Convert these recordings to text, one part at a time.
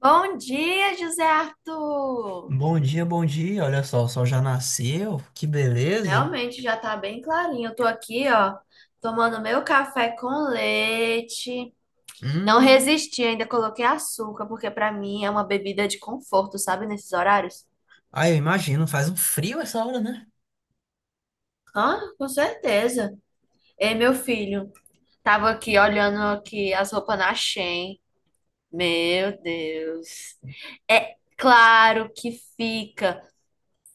Bom dia, José Arthur! Bom dia, bom dia. Olha só, o sol já nasceu. Que beleza. Realmente já tá bem clarinho. Eu tô aqui, ó, tomando meu café com leite. Não Hum. resisti, ainda coloquei açúcar, porque pra mim é uma bebida de conforto, sabe, nesses horários. Ah, eu imagino, faz um frio essa hora, né? Ah, com certeza. Ei, meu filho, tava aqui olhando aqui as roupas na Shein. Meu Deus. É claro que fica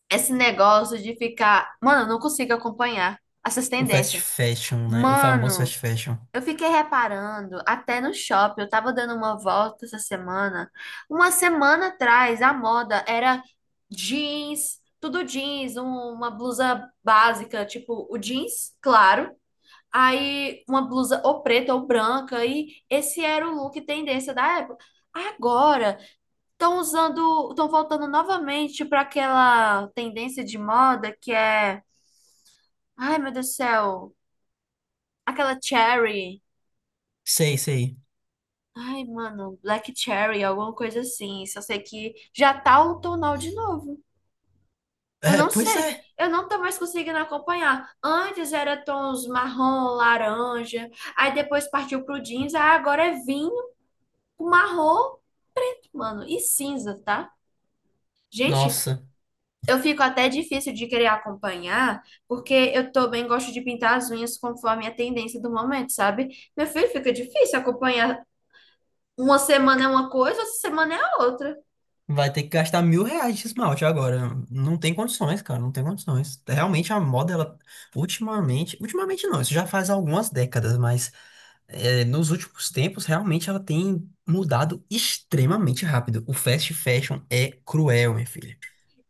esse negócio de ficar, mano, eu não consigo acompanhar essas O fast tendências. fashion, né? O famoso Mano, fast fashion. eu fiquei reparando, até no shopping, eu tava dando uma volta essa semana. Uma semana atrás, a moda era jeans, tudo jeans, uma blusa básica, tipo o jeans, claro. Aí uma blusa ou preta ou branca, e esse era o look tendência da época. Agora, estão usando, estão voltando novamente para aquela tendência de moda que é, ai meu Deus do céu, aquela cherry. Sei, sei. Ai, mano, Black Cherry, alguma coisa assim. Só sei que já tá outonal de novo. Eu É, não pois sei. é. Eu não tô mais conseguindo acompanhar. Antes era tons marrom, laranja. Aí depois partiu pro jeans. Aí agora é vinho, marrom, mano, e cinza, tá? Gente, Nossa, eu fico até difícil de querer acompanhar, porque eu também gosto de pintar as unhas conforme a tendência do momento, sabe? Meu filho, fica difícil acompanhar. Uma semana é uma coisa, outra semana é a outra. vai ter que gastar R$ 1.000 de esmalte agora. Não tem condições, cara, não tem condições. Realmente a moda, ela, ultimamente não, isso já faz algumas décadas, mas nos últimos tempos, realmente ela tem mudado extremamente rápido. O fast fashion é cruel, minha filha.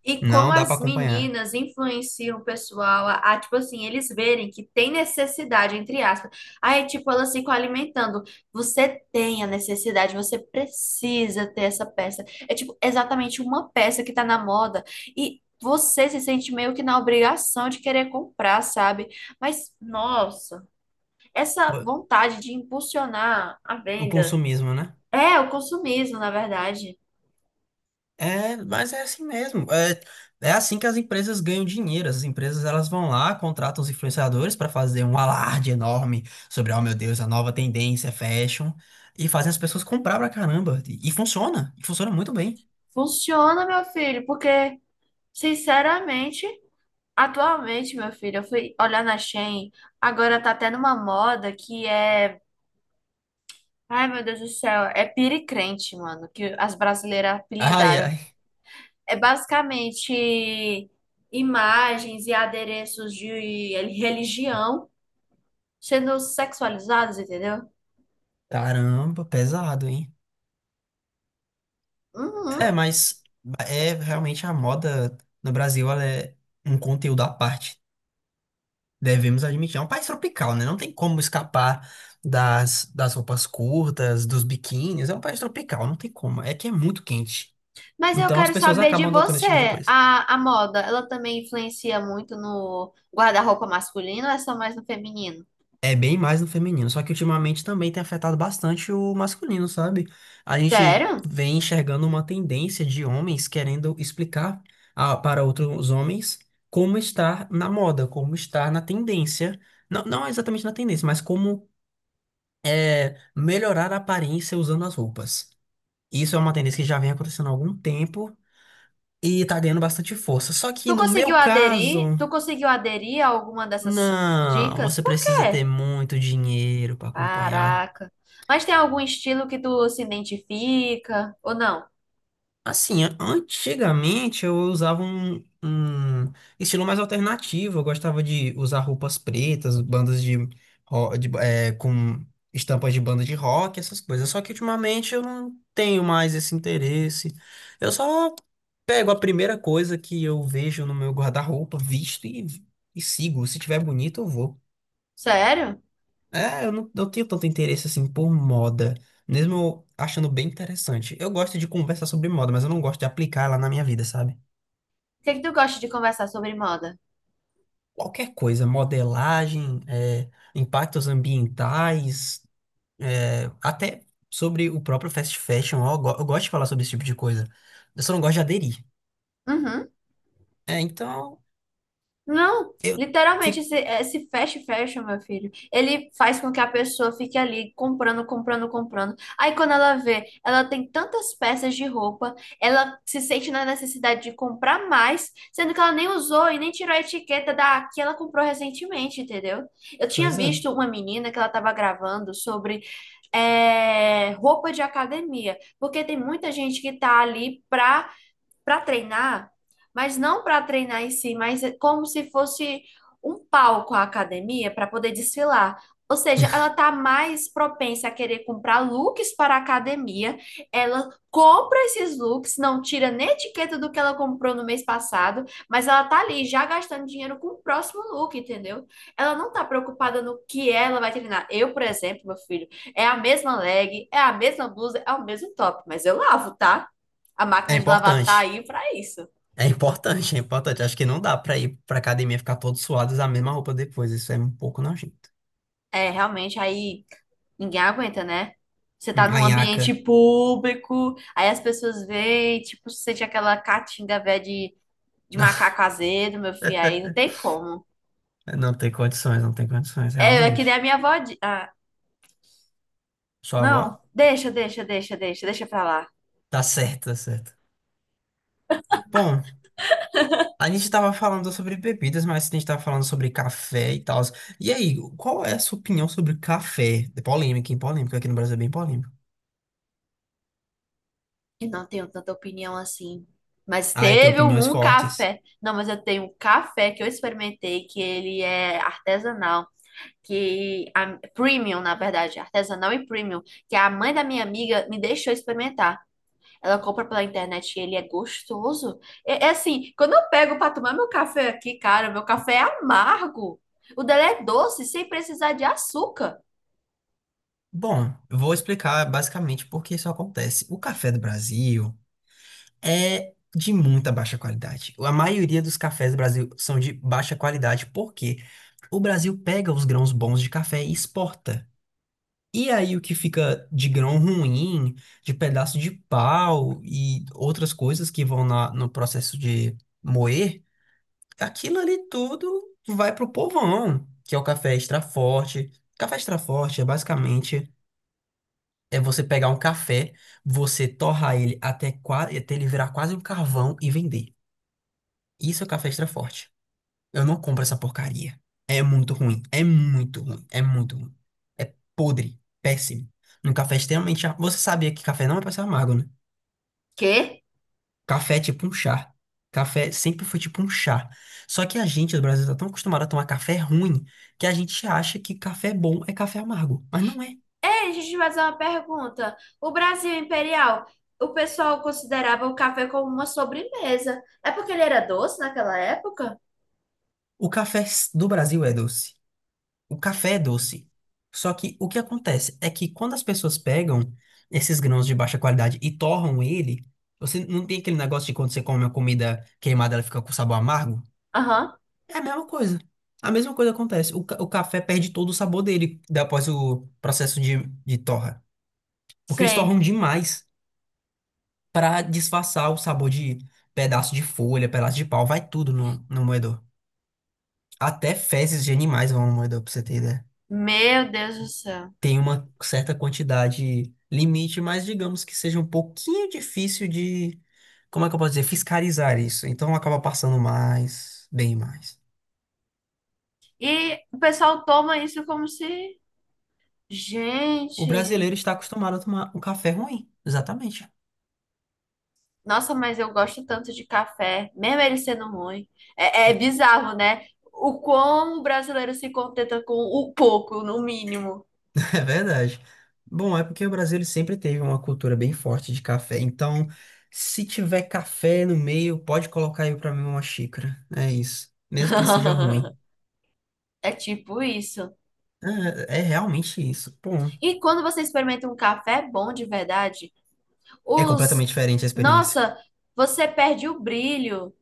E como Não dá para as acompanhar. meninas influenciam o pessoal a, tipo assim, eles verem que tem necessidade, entre aspas. Aí, tipo, elas ficam alimentando. Você tem a necessidade, você precisa ter essa peça. É, tipo, exatamente uma peça que tá na moda. E você se sente meio que na obrigação de querer comprar, sabe? Mas, nossa, essa Pô, vontade de impulsionar a o venda. consumismo, né? É, o consumismo, na verdade. É, mas é assim mesmo. É assim que as empresas ganham dinheiro. As empresas elas vão lá, contratam os influenciadores para fazer um alarde enorme sobre, oh meu Deus, a nova tendência é fashion e fazem as pessoas comprar pra caramba. E funciona, e funciona muito bem. Funciona, meu filho, porque, sinceramente. Atualmente, meu filho, eu fui olhar na Shein, agora tá até numa moda que é. Ai, meu Deus do céu, é piricrente, mano, que as brasileiras Ai, apelidaram. ai, É basicamente imagens e adereços de religião sendo sexualizados, entendeu? caramba, pesado, hein? Uhum. É, mas é realmente a moda no Brasil, ela é um conteúdo à parte. Devemos admitir, é um país tropical, né? Não tem como escapar das roupas curtas, dos biquínis. É um país tropical, não tem como. É que é muito quente. Mas eu Então as quero pessoas saber de acabam adotando esse tipo de você. coisa. A moda, ela também influencia muito no guarda-roupa masculino ou é só mais no feminino? É bem mais no feminino, só que ultimamente também tem afetado bastante o masculino, sabe? A gente Sério? vem enxergando uma tendência de homens querendo explicar para outros homens como estar na moda, como estar na tendência. Não, não exatamente na tendência, mas como melhorar a aparência usando as roupas. Isso é uma tendência que já vem acontecendo há algum tempo e tá ganhando bastante força. Só que Tu no meu conseguiu aderir? caso, Tu conseguiu aderir a alguma dessas não, dicas? você Por precisa ter quê? muito dinheiro para acompanhar. Caraca. Mas tem algum estilo que tu se identifica ou não? Assim, antigamente eu usava um estilo mais alternativo. Eu gostava de usar roupas pretas, bandas de, ro- de é, com estampas de banda de rock, essas coisas. Só que ultimamente eu não tenho mais esse interesse. Eu só pego a primeira coisa que eu vejo no meu guarda-roupa, e sigo. Se tiver bonito, eu vou. Sério? Eu não tenho tanto interesse assim por moda, mesmo eu achando bem interessante. Eu gosto de conversar sobre moda, mas eu não gosto de aplicar ela na minha vida, sabe? O que é que tu gosta de conversar sobre moda? Qualquer coisa, modelagem, impactos ambientais, até sobre o próprio fast fashion, eu gosto de falar sobre esse tipo de coisa. Eu só não gosto de aderir. Uhum. É, então, Não, eu literalmente, fico. esse fast fashion, meu filho, ele faz com que a pessoa fique ali comprando, comprando, comprando. Aí quando ela vê, ela tem tantas peças de roupa, ela se sente na necessidade de comprar mais, sendo que ela nem usou e nem tirou a etiqueta da que ela comprou recentemente, entendeu? Eu tinha Pois é. visto uma menina que ela estava gravando sobre é, roupa de academia, porque tem muita gente que tá ali pra para treinar, mas não para treinar em si, mas é como se fosse um palco a academia para poder desfilar. Ou seja, ela está mais propensa a querer comprar looks para a academia. Ela compra esses looks, não tira nem etiqueta do que ela comprou no mês passado, mas ela tá ali já gastando dinheiro com o próximo look, entendeu? Ela não tá preocupada no que ela vai treinar. Eu, por exemplo, meu filho, é a mesma leg, é a mesma blusa, é o mesmo top, mas eu lavo, tá? A É máquina de lavar tá importante. aí pra isso. É importante, é importante. Acho que não dá pra ir pra academia e ficar todo suado e usar a mesma roupa depois. Isso é um pouco nojento. É, realmente, aí ninguém aguenta, né? Você tá A num ambiente nhaca. público, aí as pessoas veem, tipo, você sente aquela catinga velha de macaco azedo, meu filho, aí não tem como. Não tem condições, não tem condições, É, é que nem a realmente. minha avó. Ah, Sua avó? não, deixa, deixa, deixa, deixa, deixa pra lá. Tá certo, tá certo. Bom, a gente tava falando sobre bebidas, mas a gente tava falando sobre café e tal. E aí, qual é a sua opinião sobre café? É polêmica, hein? Polêmica. Aqui no Brasil é bem polêmico. Eu não tenho tanta opinião assim. Mas Ah, eu tenho teve opiniões um fortes. café. Não, mas eu tenho um café que eu experimentei, que ele é artesanal. Que a premium, na verdade, artesanal e premium, que a mãe da minha amiga me deixou experimentar. Ela compra pela internet e ele é gostoso. É, é assim, quando eu pego para tomar meu café aqui, cara, meu café é amargo. O dela é doce, sem precisar de açúcar. Bom, eu vou explicar basicamente por que isso acontece. O café do Brasil é de muita baixa qualidade. A maioria dos cafés do Brasil são de baixa qualidade, porque o Brasil pega os grãos bons de café e exporta. E aí o que fica de grão ruim, de pedaço de pau e outras coisas que vão no processo de moer, aquilo ali tudo vai pro povão, que é o café extra forte. Café extra forte é basicamente você pegar um café, você torrar ele até ele virar quase um carvão e vender. Isso é café extra forte. Eu não compro essa porcaria. É muito ruim. É muito ruim. É muito ruim. É podre. Péssimo. Um café você sabia que café não é pra ser amargo, né? Quê? Café é tipo um chá. Café sempre foi tipo um chá. Só que a gente, do Brasil, tá tão acostumado a tomar café ruim que a gente acha que café bom é café amargo. Mas não é. Ei, deixa eu te fazer uma pergunta. O Brasil Imperial, o pessoal considerava o café como uma sobremesa. É porque ele era doce naquela época? Do Brasil é doce. O café é doce. Só que o que acontece é que quando as pessoas pegam esses grãos de baixa qualidade e torram ele, você não tem aquele negócio de quando você come uma comida queimada, ela fica com sabor amargo? Aham, É a mesma coisa. A mesma coisa acontece. O café perde todo o sabor dele após o processo de torra. Porque eles torram sei. demais para disfarçar o sabor de pedaço de folha, pedaço de pau, vai tudo no moedor. Até fezes de animais vão no moedor, pra você ter ideia. Meu Deus do céu. Tem uma certa quantidade limite, mas digamos que seja um pouquinho difícil de como é que eu posso dizer, fiscalizar isso. Então acaba passando mais, bem mais. E o pessoal toma isso como se, O gente, brasileiro está acostumado a tomar um café ruim, exatamente. nossa, mas eu gosto tanto de café, mesmo ele sendo ruim. É, é bizarro, né? O como o brasileiro se contenta com o pouco, no mínimo. É verdade. Bom, é porque o Brasil ele sempre teve uma cultura bem forte de café. Então, se tiver café no meio, pode colocar aí pra mim uma xícara. É isso. Mesmo que ele seja ruim. É tipo isso. É, é realmente isso. Bom, E quando você experimenta um café bom de verdade, é os. completamente diferente a experiência. Nossa, você perde o brilho.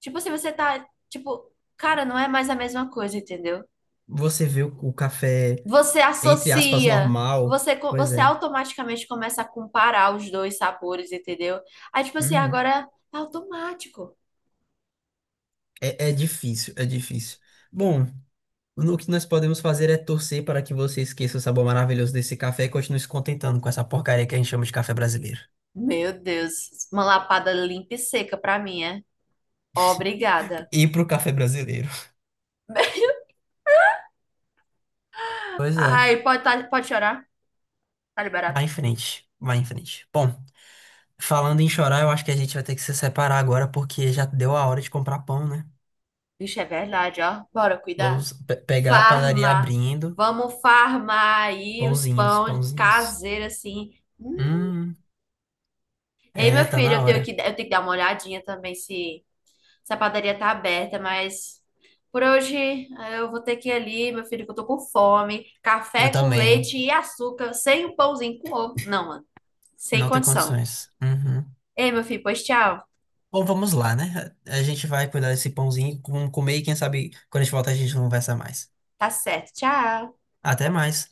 Tipo, se você tá. Tipo, cara, não é mais a mesma coisa, entendeu? Você vê o café, Você entre aspas, associa, normal. você, Pois você é. automaticamente começa a comparar os dois sabores, entendeu? Aí, tipo assim, Uhum. agora é automático. É, é difícil, é difícil. Bom, o que nós podemos fazer é torcer para que você esqueça o sabor maravilhoso desse café e continue se contentando com essa porcaria que a gente chama de café brasileiro. Meu Deus, uma lapada limpa e seca pra mim, é? Obrigada. E pro café brasileiro. Pois é. Ai, pode, tá, pode chorar? Tá liberado. Vai em frente, vai em frente. Bom, falando em chorar, eu acho que a gente vai ter que se separar agora porque já deu a hora de comprar pão, né? Vixe, é verdade, ó. Bora cuidar. Vamos pegar a padaria Farma. abrindo. Vamos farmar aí os Pãozinhos, pão pãozinhos. caseiro, assim. Hum. Hum, Ei, meu é, tá filho, na hora. Eu tenho que dar uma olhadinha também se se a padaria tá aberta, mas por hoje ah, eu vou ter que ir ali, meu filho, que eu tô com fome. Eu Café com também. leite e açúcar, sem um pãozinho com ovo. Não, mano, sem Não tem condição. condições. Uhum. Ei, meu filho, pois tchau. Bom, vamos lá, né? A gente vai cuidar desse pãozinho, comer e quem sabe quando a gente volta a gente conversa mais. Tá certo, tchau. Até mais.